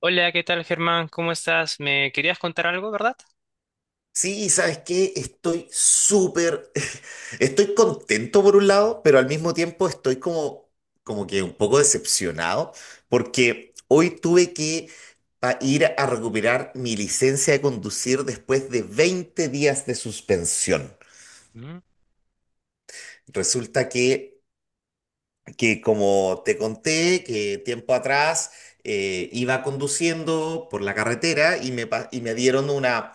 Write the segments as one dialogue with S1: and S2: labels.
S1: Hola, ¿qué tal, Germán? ¿Cómo estás? Me querías contar algo, ¿verdad?
S2: Sí, ¿sabes qué? Estoy súper, estoy contento por un lado, pero al mismo tiempo estoy como que un poco decepcionado, porque hoy tuve que ir a recuperar mi licencia de conducir después de 20 días de suspensión.
S1: Mm,
S2: Resulta que como te conté, que tiempo atrás iba conduciendo por la carretera y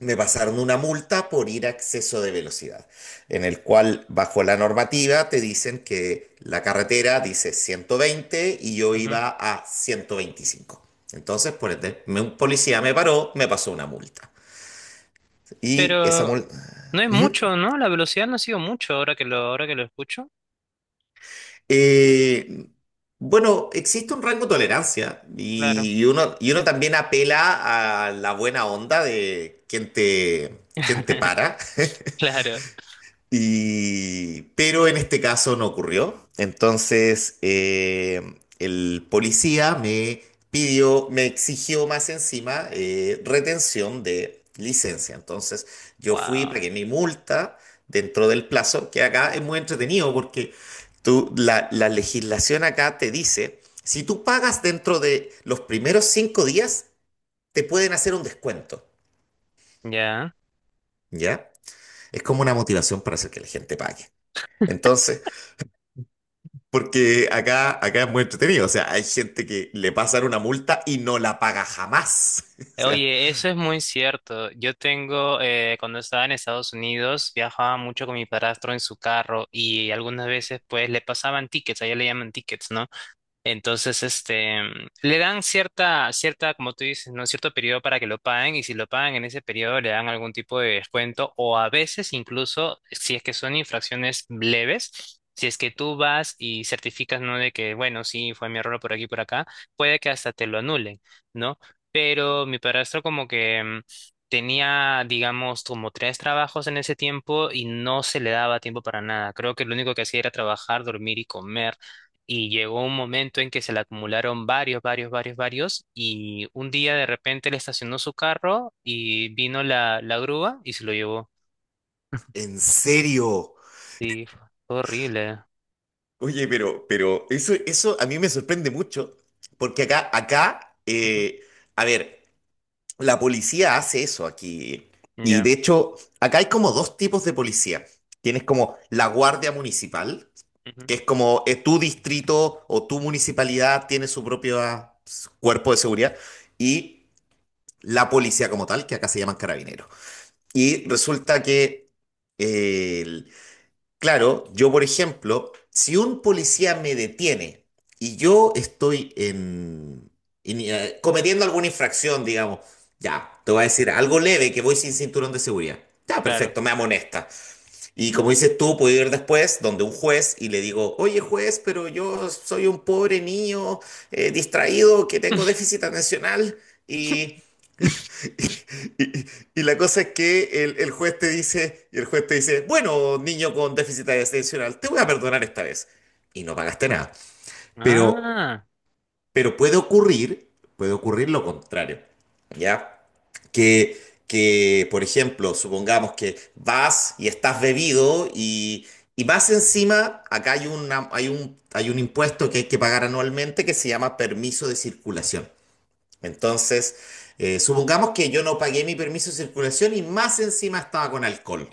S2: me pasaron una multa por ir a exceso de velocidad, en el cual bajo la normativa te dicen que la carretera dice 120 y yo
S1: ujú.
S2: iba a 125. Entonces, por ende, un policía me paró, me pasó una multa. Y esa
S1: Pero
S2: multa...
S1: no es mucho, ¿no? La velocidad no ha sido mucho ahora que lo escucho.
S2: Eh, bueno, existe un rango de tolerancia
S1: Claro.
S2: y uno también apela a la buena onda de quien te para.
S1: Claro.
S2: Y, pero en este caso no ocurrió. Entonces, el policía me pidió, me exigió más encima retención de licencia. Entonces, yo fui,
S1: Wow.
S2: pagué mi multa dentro del plazo, que acá es muy entretenido porque la legislación acá te dice, si tú pagas dentro de los primeros 5 días, te pueden hacer un descuento,
S1: Ya.
S2: ¿ya? Es como una motivación para hacer que la gente pague. Entonces, porque acá es muy entretenido. O sea, hay gente que le pasan una multa y no la paga jamás. O sea,
S1: Oye, eso es muy cierto. Yo tengo, cuando estaba en Estados Unidos, viajaba mucho con mi padrastro en su carro y algunas veces pues le pasaban tickets, allá le llaman tickets, ¿no? Entonces, este, le dan cierta, como tú dices, ¿no? Cierto periodo para que lo paguen y si lo pagan en ese periodo le dan algún tipo de descuento o a veces incluso, si es que son infracciones leves, si es que tú vas y certificas, ¿no? De que, bueno, sí, fue mi error por aquí, por acá, puede que hasta te lo anulen, ¿no? Pero mi padrastro como que mm, tenía, digamos, como tres trabajos en ese tiempo y no se le daba tiempo para nada. Creo que lo único que hacía era trabajar, dormir y comer. Y llegó un momento en que se le acumularon varios. Y un día de repente le estacionó su carro y vino la grúa y se lo llevó.
S2: ¿en serio?
S1: Sí, fue horrible.
S2: Oye, pero eso a mí me sorprende mucho. Porque acá, acá,
S1: Ujú.
S2: eh, a ver, la policía hace eso aquí. Y de
S1: Ya,
S2: hecho, acá hay como dos tipos de policía. Tienes como la guardia municipal,
S1: ujú,
S2: que es como tu distrito o tu municipalidad tiene su propio cuerpo de seguridad. Y la policía como tal, que acá se llaman carabineros. Y resulta que, eh, el- claro, yo por ejemplo, si un policía me detiene y yo estoy cometiendo alguna infracción, digamos, ya, te voy a decir algo leve, que voy sin cinturón de seguridad. Ya,
S1: claro.
S2: perfecto, me amonesta. Y como dices tú, puedo ir después donde un juez y le digo, oye juez, pero yo soy un pobre niño distraído que tengo déficit atencional y Y, y- y la cosa es que el juez te dice, y el juez te dice, bueno, niño con déficit atencional, te voy a perdonar esta vez. Y no pagaste nada. Pero,
S1: Ah,
S2: pero puede ocurrir lo contrario, ¿ya? Que, que, por ejemplo, supongamos que vas y estás bebido y más encima, acá hay un impuesto que hay que pagar anualmente que se llama permiso de circulación. Entonces, supongamos que yo no pagué mi permiso de circulación y más encima estaba con alcohol.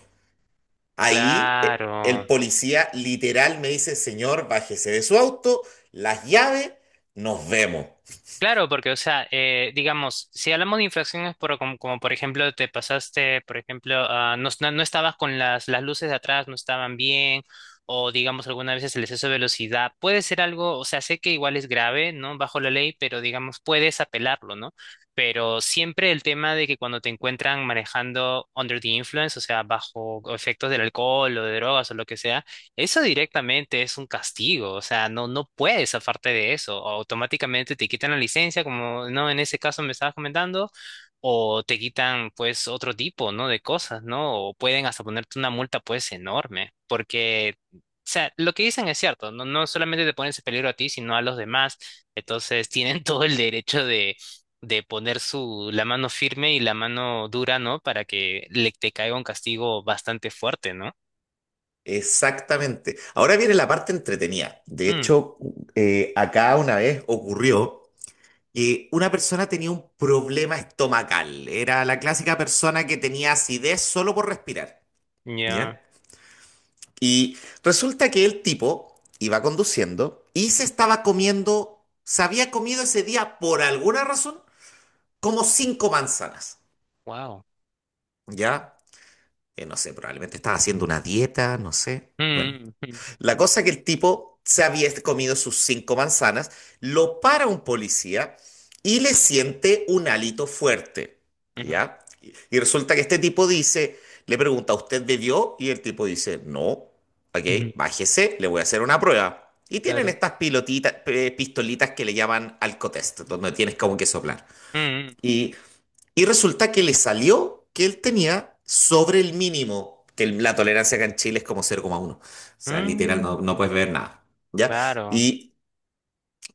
S2: Ahí el
S1: claro.
S2: policía literal me dice, señor, bájese de su auto, las llaves, nos vemos.
S1: Claro, porque, o sea, digamos, si hablamos de infracciones como, por ejemplo, te pasaste, por ejemplo, ah, no estabas con las luces de atrás, no estaban bien, o digamos, algunas veces el exceso de velocidad, puede ser algo, o sea, sé que igual es grave, ¿no? Bajo la ley, pero digamos, puedes apelarlo, ¿no? Pero siempre el tema de que cuando te encuentran manejando under the influence, o sea, bajo efectos del alcohol o de drogas o lo que sea, eso directamente es un castigo, o sea, no puedes zafarte de eso. O automáticamente te quitan la licencia, como no en ese caso me estabas comentando, o te quitan pues otro tipo, ¿no? De cosas, ¿no? O pueden hasta ponerte una multa pues enorme, porque, o sea, lo que dicen es cierto, no solamente te pones en peligro a ti, sino a los demás. Entonces tienen todo el derecho de poner la mano firme y la mano dura, ¿no? Para que le te caiga un castigo bastante fuerte, ¿no?
S2: Exactamente. Ahora viene la parte entretenida. De
S1: Mm,
S2: hecho, acá una vez ocurrió que una persona tenía un problema estomacal. Era la clásica persona que tenía acidez solo por respirar.
S1: ya.
S2: ¿Ya? Y resulta que el tipo iba conduciendo y se estaba comiendo, se había comido ese día por alguna razón como cinco manzanas,
S1: Wow.
S2: ¿ya? No sé, probablemente estaba haciendo una dieta, no sé. Bueno,
S1: Mm, ujú,
S2: la cosa que el tipo se había comido sus cinco manzanas, lo para un policía y le siente un hálito fuerte,
S1: ujú,
S2: ¿ya? Y resulta que este tipo dice, le pregunta, ¿usted bebió? Y el tipo dice, no, ok,
S1: ujú,
S2: bájese, le voy a hacer una prueba. Y tienen
S1: Claro.
S2: estas pilotitas, pistolitas que le llaman alcotest, donde tienes como que soplar.
S1: Mm,
S2: Y y resulta que le salió que él tenía sobre el mínimo, que la tolerancia acá en Chile es como 0,1. O sea, literal,
S1: mm,
S2: no, no puedes ver nada. ¿Ya?
S1: claro.
S2: Y,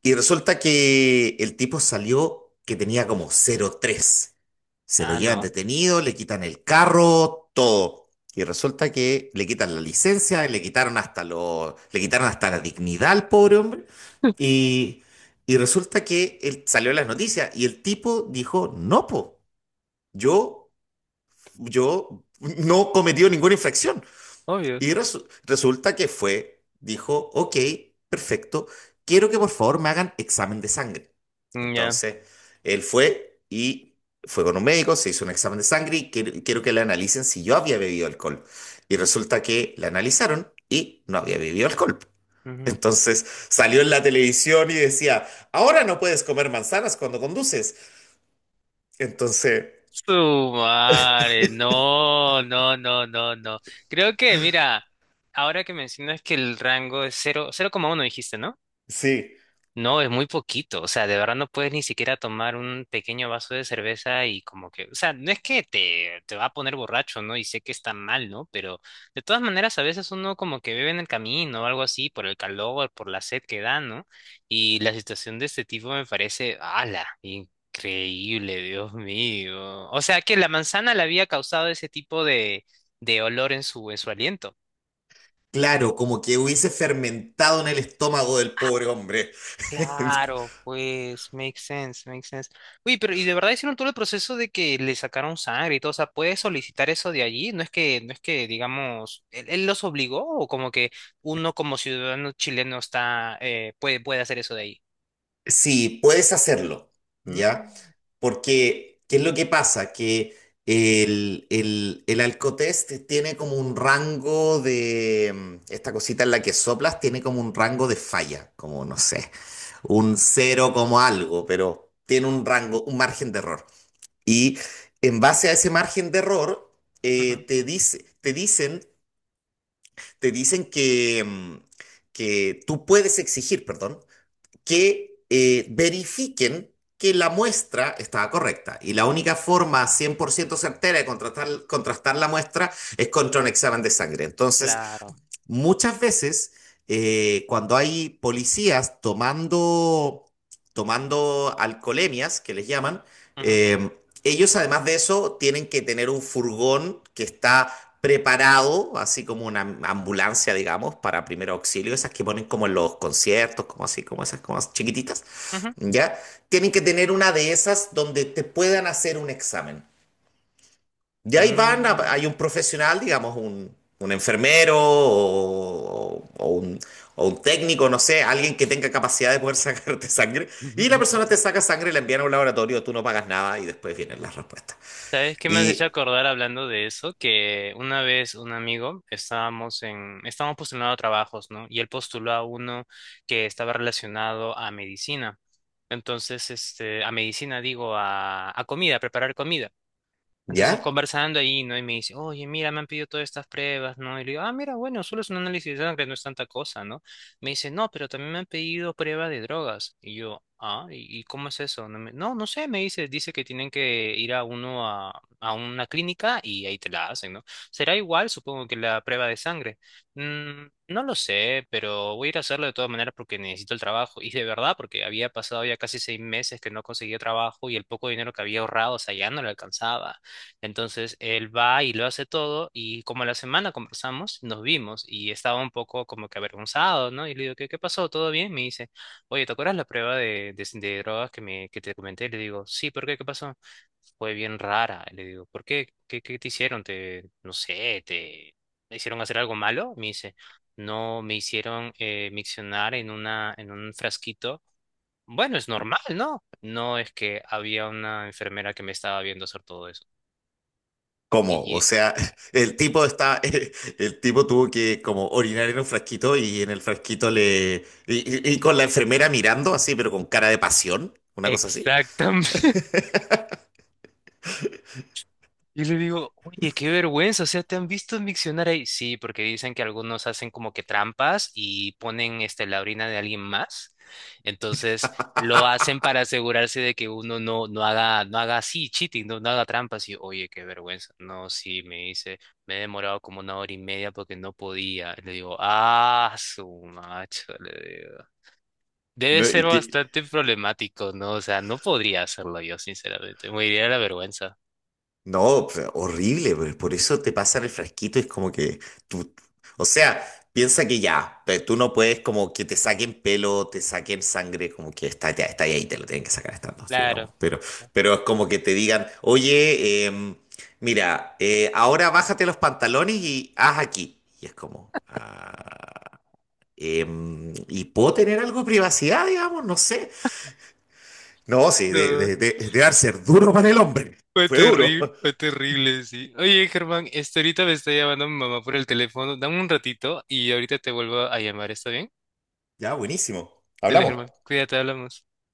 S2: y resulta que el tipo salió que tenía como 0,3. Se lo
S1: Ah,
S2: llevan
S1: no.
S2: detenido, le quitan el carro, todo. Y resulta que le quitan la licencia, le quitaron hasta lo, le quitaron hasta la dignidad al pobre hombre. Y, y resulta que él salió en las noticias y el tipo dijo, no, po, yo yo no cometió ninguna infracción.
S1: Obvio.
S2: Y resulta que fue, dijo, ok, perfecto, quiero que por favor me hagan examen de sangre.
S1: Mm. Ya.
S2: Entonces, él fue y fue con un médico, se hizo un examen de sangre y quiero que le analicen si yo había bebido alcohol. Y resulta que le analizaron y no había bebido alcohol.
S1: Ujú.
S2: Entonces salió en la televisión y decía, ahora no puedes comer manzanas cuando conduces. Entonces,
S1: Su madre. No. Creo que, mira, ahora que mencionas que el rango es 0,1 dijiste, ¿no?
S2: sí.
S1: No, es muy poquito, o sea, de verdad no puedes ni siquiera tomar un pequeño vaso de cerveza y como que, o sea, no es que te va a poner borracho, ¿no? Y sé que está mal, ¿no? Pero de todas maneras a veces uno como que bebe en el camino o algo así por el calor, por la sed que da, ¿no? Y la situación de este tipo me parece, ala, increíble, Dios mío. O sea, que la manzana le había causado ese tipo de olor en en su aliento.
S2: Claro, como que hubiese fermentado en el estómago del pobre hombre.
S1: Claro, pues, makes sense, makes sense. Uy, pero y de verdad hicieron todo el proceso de que le sacaron sangre y todo, o sea, ¿puedes solicitar eso de allí? No es que, digamos, él los obligó o como que uno como ciudadano chileno está, puede, puede hacer eso de ahí.
S2: Sí, puedes hacerlo, ¿ya?
S1: Mm,
S2: Porque, ¿qué es lo que pasa? Que el Alcotest tiene como un rango de, esta cosita en la que soplas tiene como un rango de falla, como no sé, un cero como algo, pero tiene un rango, un margen de error. Y en base a ese margen de error,
S1: ujú,
S2: te dice, te dicen que, tú puedes exigir, perdón, que verifiquen que la muestra estaba correcta. Y la única forma 100% certera de contrastar la muestra es contra un examen de sangre. Entonces,
S1: claro.
S2: muchas veces, cuando hay policías tomando alcoholemias, que les llaman, eh, ellos además de eso tienen que tener un furgón que está preparado, así como una ambulancia, digamos, para primer auxilio, esas que ponen como en los conciertos, como así, como esas, como chiquititas,
S1: Ujú,
S2: ¿ya? Tienen que tener una de esas donde te puedan hacer un examen de
S1: ujú,
S2: ahí van,
S1: mm.
S2: hay un profesional, digamos, un enfermero o un técnico, no sé, alguien que tenga capacidad de poder sacarte sangre. Y la persona te saca sangre, la envían a un laboratorio, tú no pagas nada y después vienen las respuestas.
S1: ¿Sabes qué me has hecho
S2: Y
S1: acordar hablando de eso? Que una vez un amigo estábamos postulando a trabajos, ¿no? Y él postuló a uno que estaba relacionado a medicina. Entonces, este, a medicina digo, a comida, a preparar comida. Entonces
S2: ya,
S1: conversando ahí, ¿no? Y me dice, oye, mira, me han pedido todas estas pruebas, ¿no? Y le digo, ah, mira, bueno, solo es un análisis de sangre, no es tanta cosa, ¿no? Me dice, no, pero también me han pedido prueba de drogas. Y yo, ah, y cómo es eso? No, no sé, me dice, dice que tienen que ir a una clínica y ahí te la hacen, ¿no? Será igual, supongo, que la prueba de sangre. Mm, no lo sé, pero voy a ir a hacerlo de todas maneras porque necesito el trabajo. Y de verdad, porque había pasado ya casi 6 meses que no conseguía trabajo y el poco dinero que había ahorrado, o sea, ya no le alcanzaba. Entonces él va y lo hace todo y como la semana conversamos, nos vimos y estaba un poco como que avergonzado, ¿no? Y le digo, qué pasó? ¿Todo bien? Me dice, oye, ¿te acuerdas la prueba de drogas que te comenté? Le digo, sí, ¿por qué? ¿Qué pasó? Fue bien rara. Le digo, ¿por qué? Qué te hicieron? No sé, te hicieron hacer algo malo? Me dice, no, me hicieron miccionar en en un frasquito. Bueno, es normal, ¿no? No es que había una enfermera que me estaba viendo hacer todo eso.
S2: ¿cómo? O
S1: Y
S2: sea, el tipo está, el tipo tuvo que como orinar en un frasquito y en el frasquito le... y con la enfermera mirando así, pero con cara de pasión, una cosa así.
S1: exactamente. Y le digo, oye, qué vergüenza, o sea, ¿te han visto en diccionario ahí? Sí, porque dicen que algunos hacen como que trampas y ponen este, la orina de alguien más. Entonces, lo hacen para asegurarse de que uno no haga, no haga así, cheating, no haga trampas. Y, oye, qué vergüenza. No, sí, me dice, me he demorado como una hora y media porque no podía. Le digo, ah, su macho, le digo. Debe
S2: ¿No? ¿Y
S1: ser
S2: qué?
S1: bastante problemático, ¿no? O sea, no podría hacerlo yo, sinceramente. Me iría de la vergüenza.
S2: No, pues, horrible, pero por eso te pasan el frasquito, es como que tú, o sea, piensa que ya, tú no puedes como que te saquen pelo, te saquen sangre, como que está, ya está ahí, te lo tienen que sacar estas dos,
S1: Claro.
S2: digamos, pero es como que te digan, oye, mira, ahora bájate los pantalones y haz aquí, y es como, ah, ¿y puedo tener algo de privacidad, digamos? No sé. No, sí,
S1: No,
S2: de dar ser duro para el hombre, fue duro.
S1: fue terrible, sí. Oye, Germán, este, ahorita me está llamando mi mamá por el teléfono. Dame un ratito y ahorita te vuelvo a llamar, ¿está bien?
S2: Ya, buenísimo.
S1: Dale,
S2: Hablamos.
S1: Germán, cuídate, hablamos.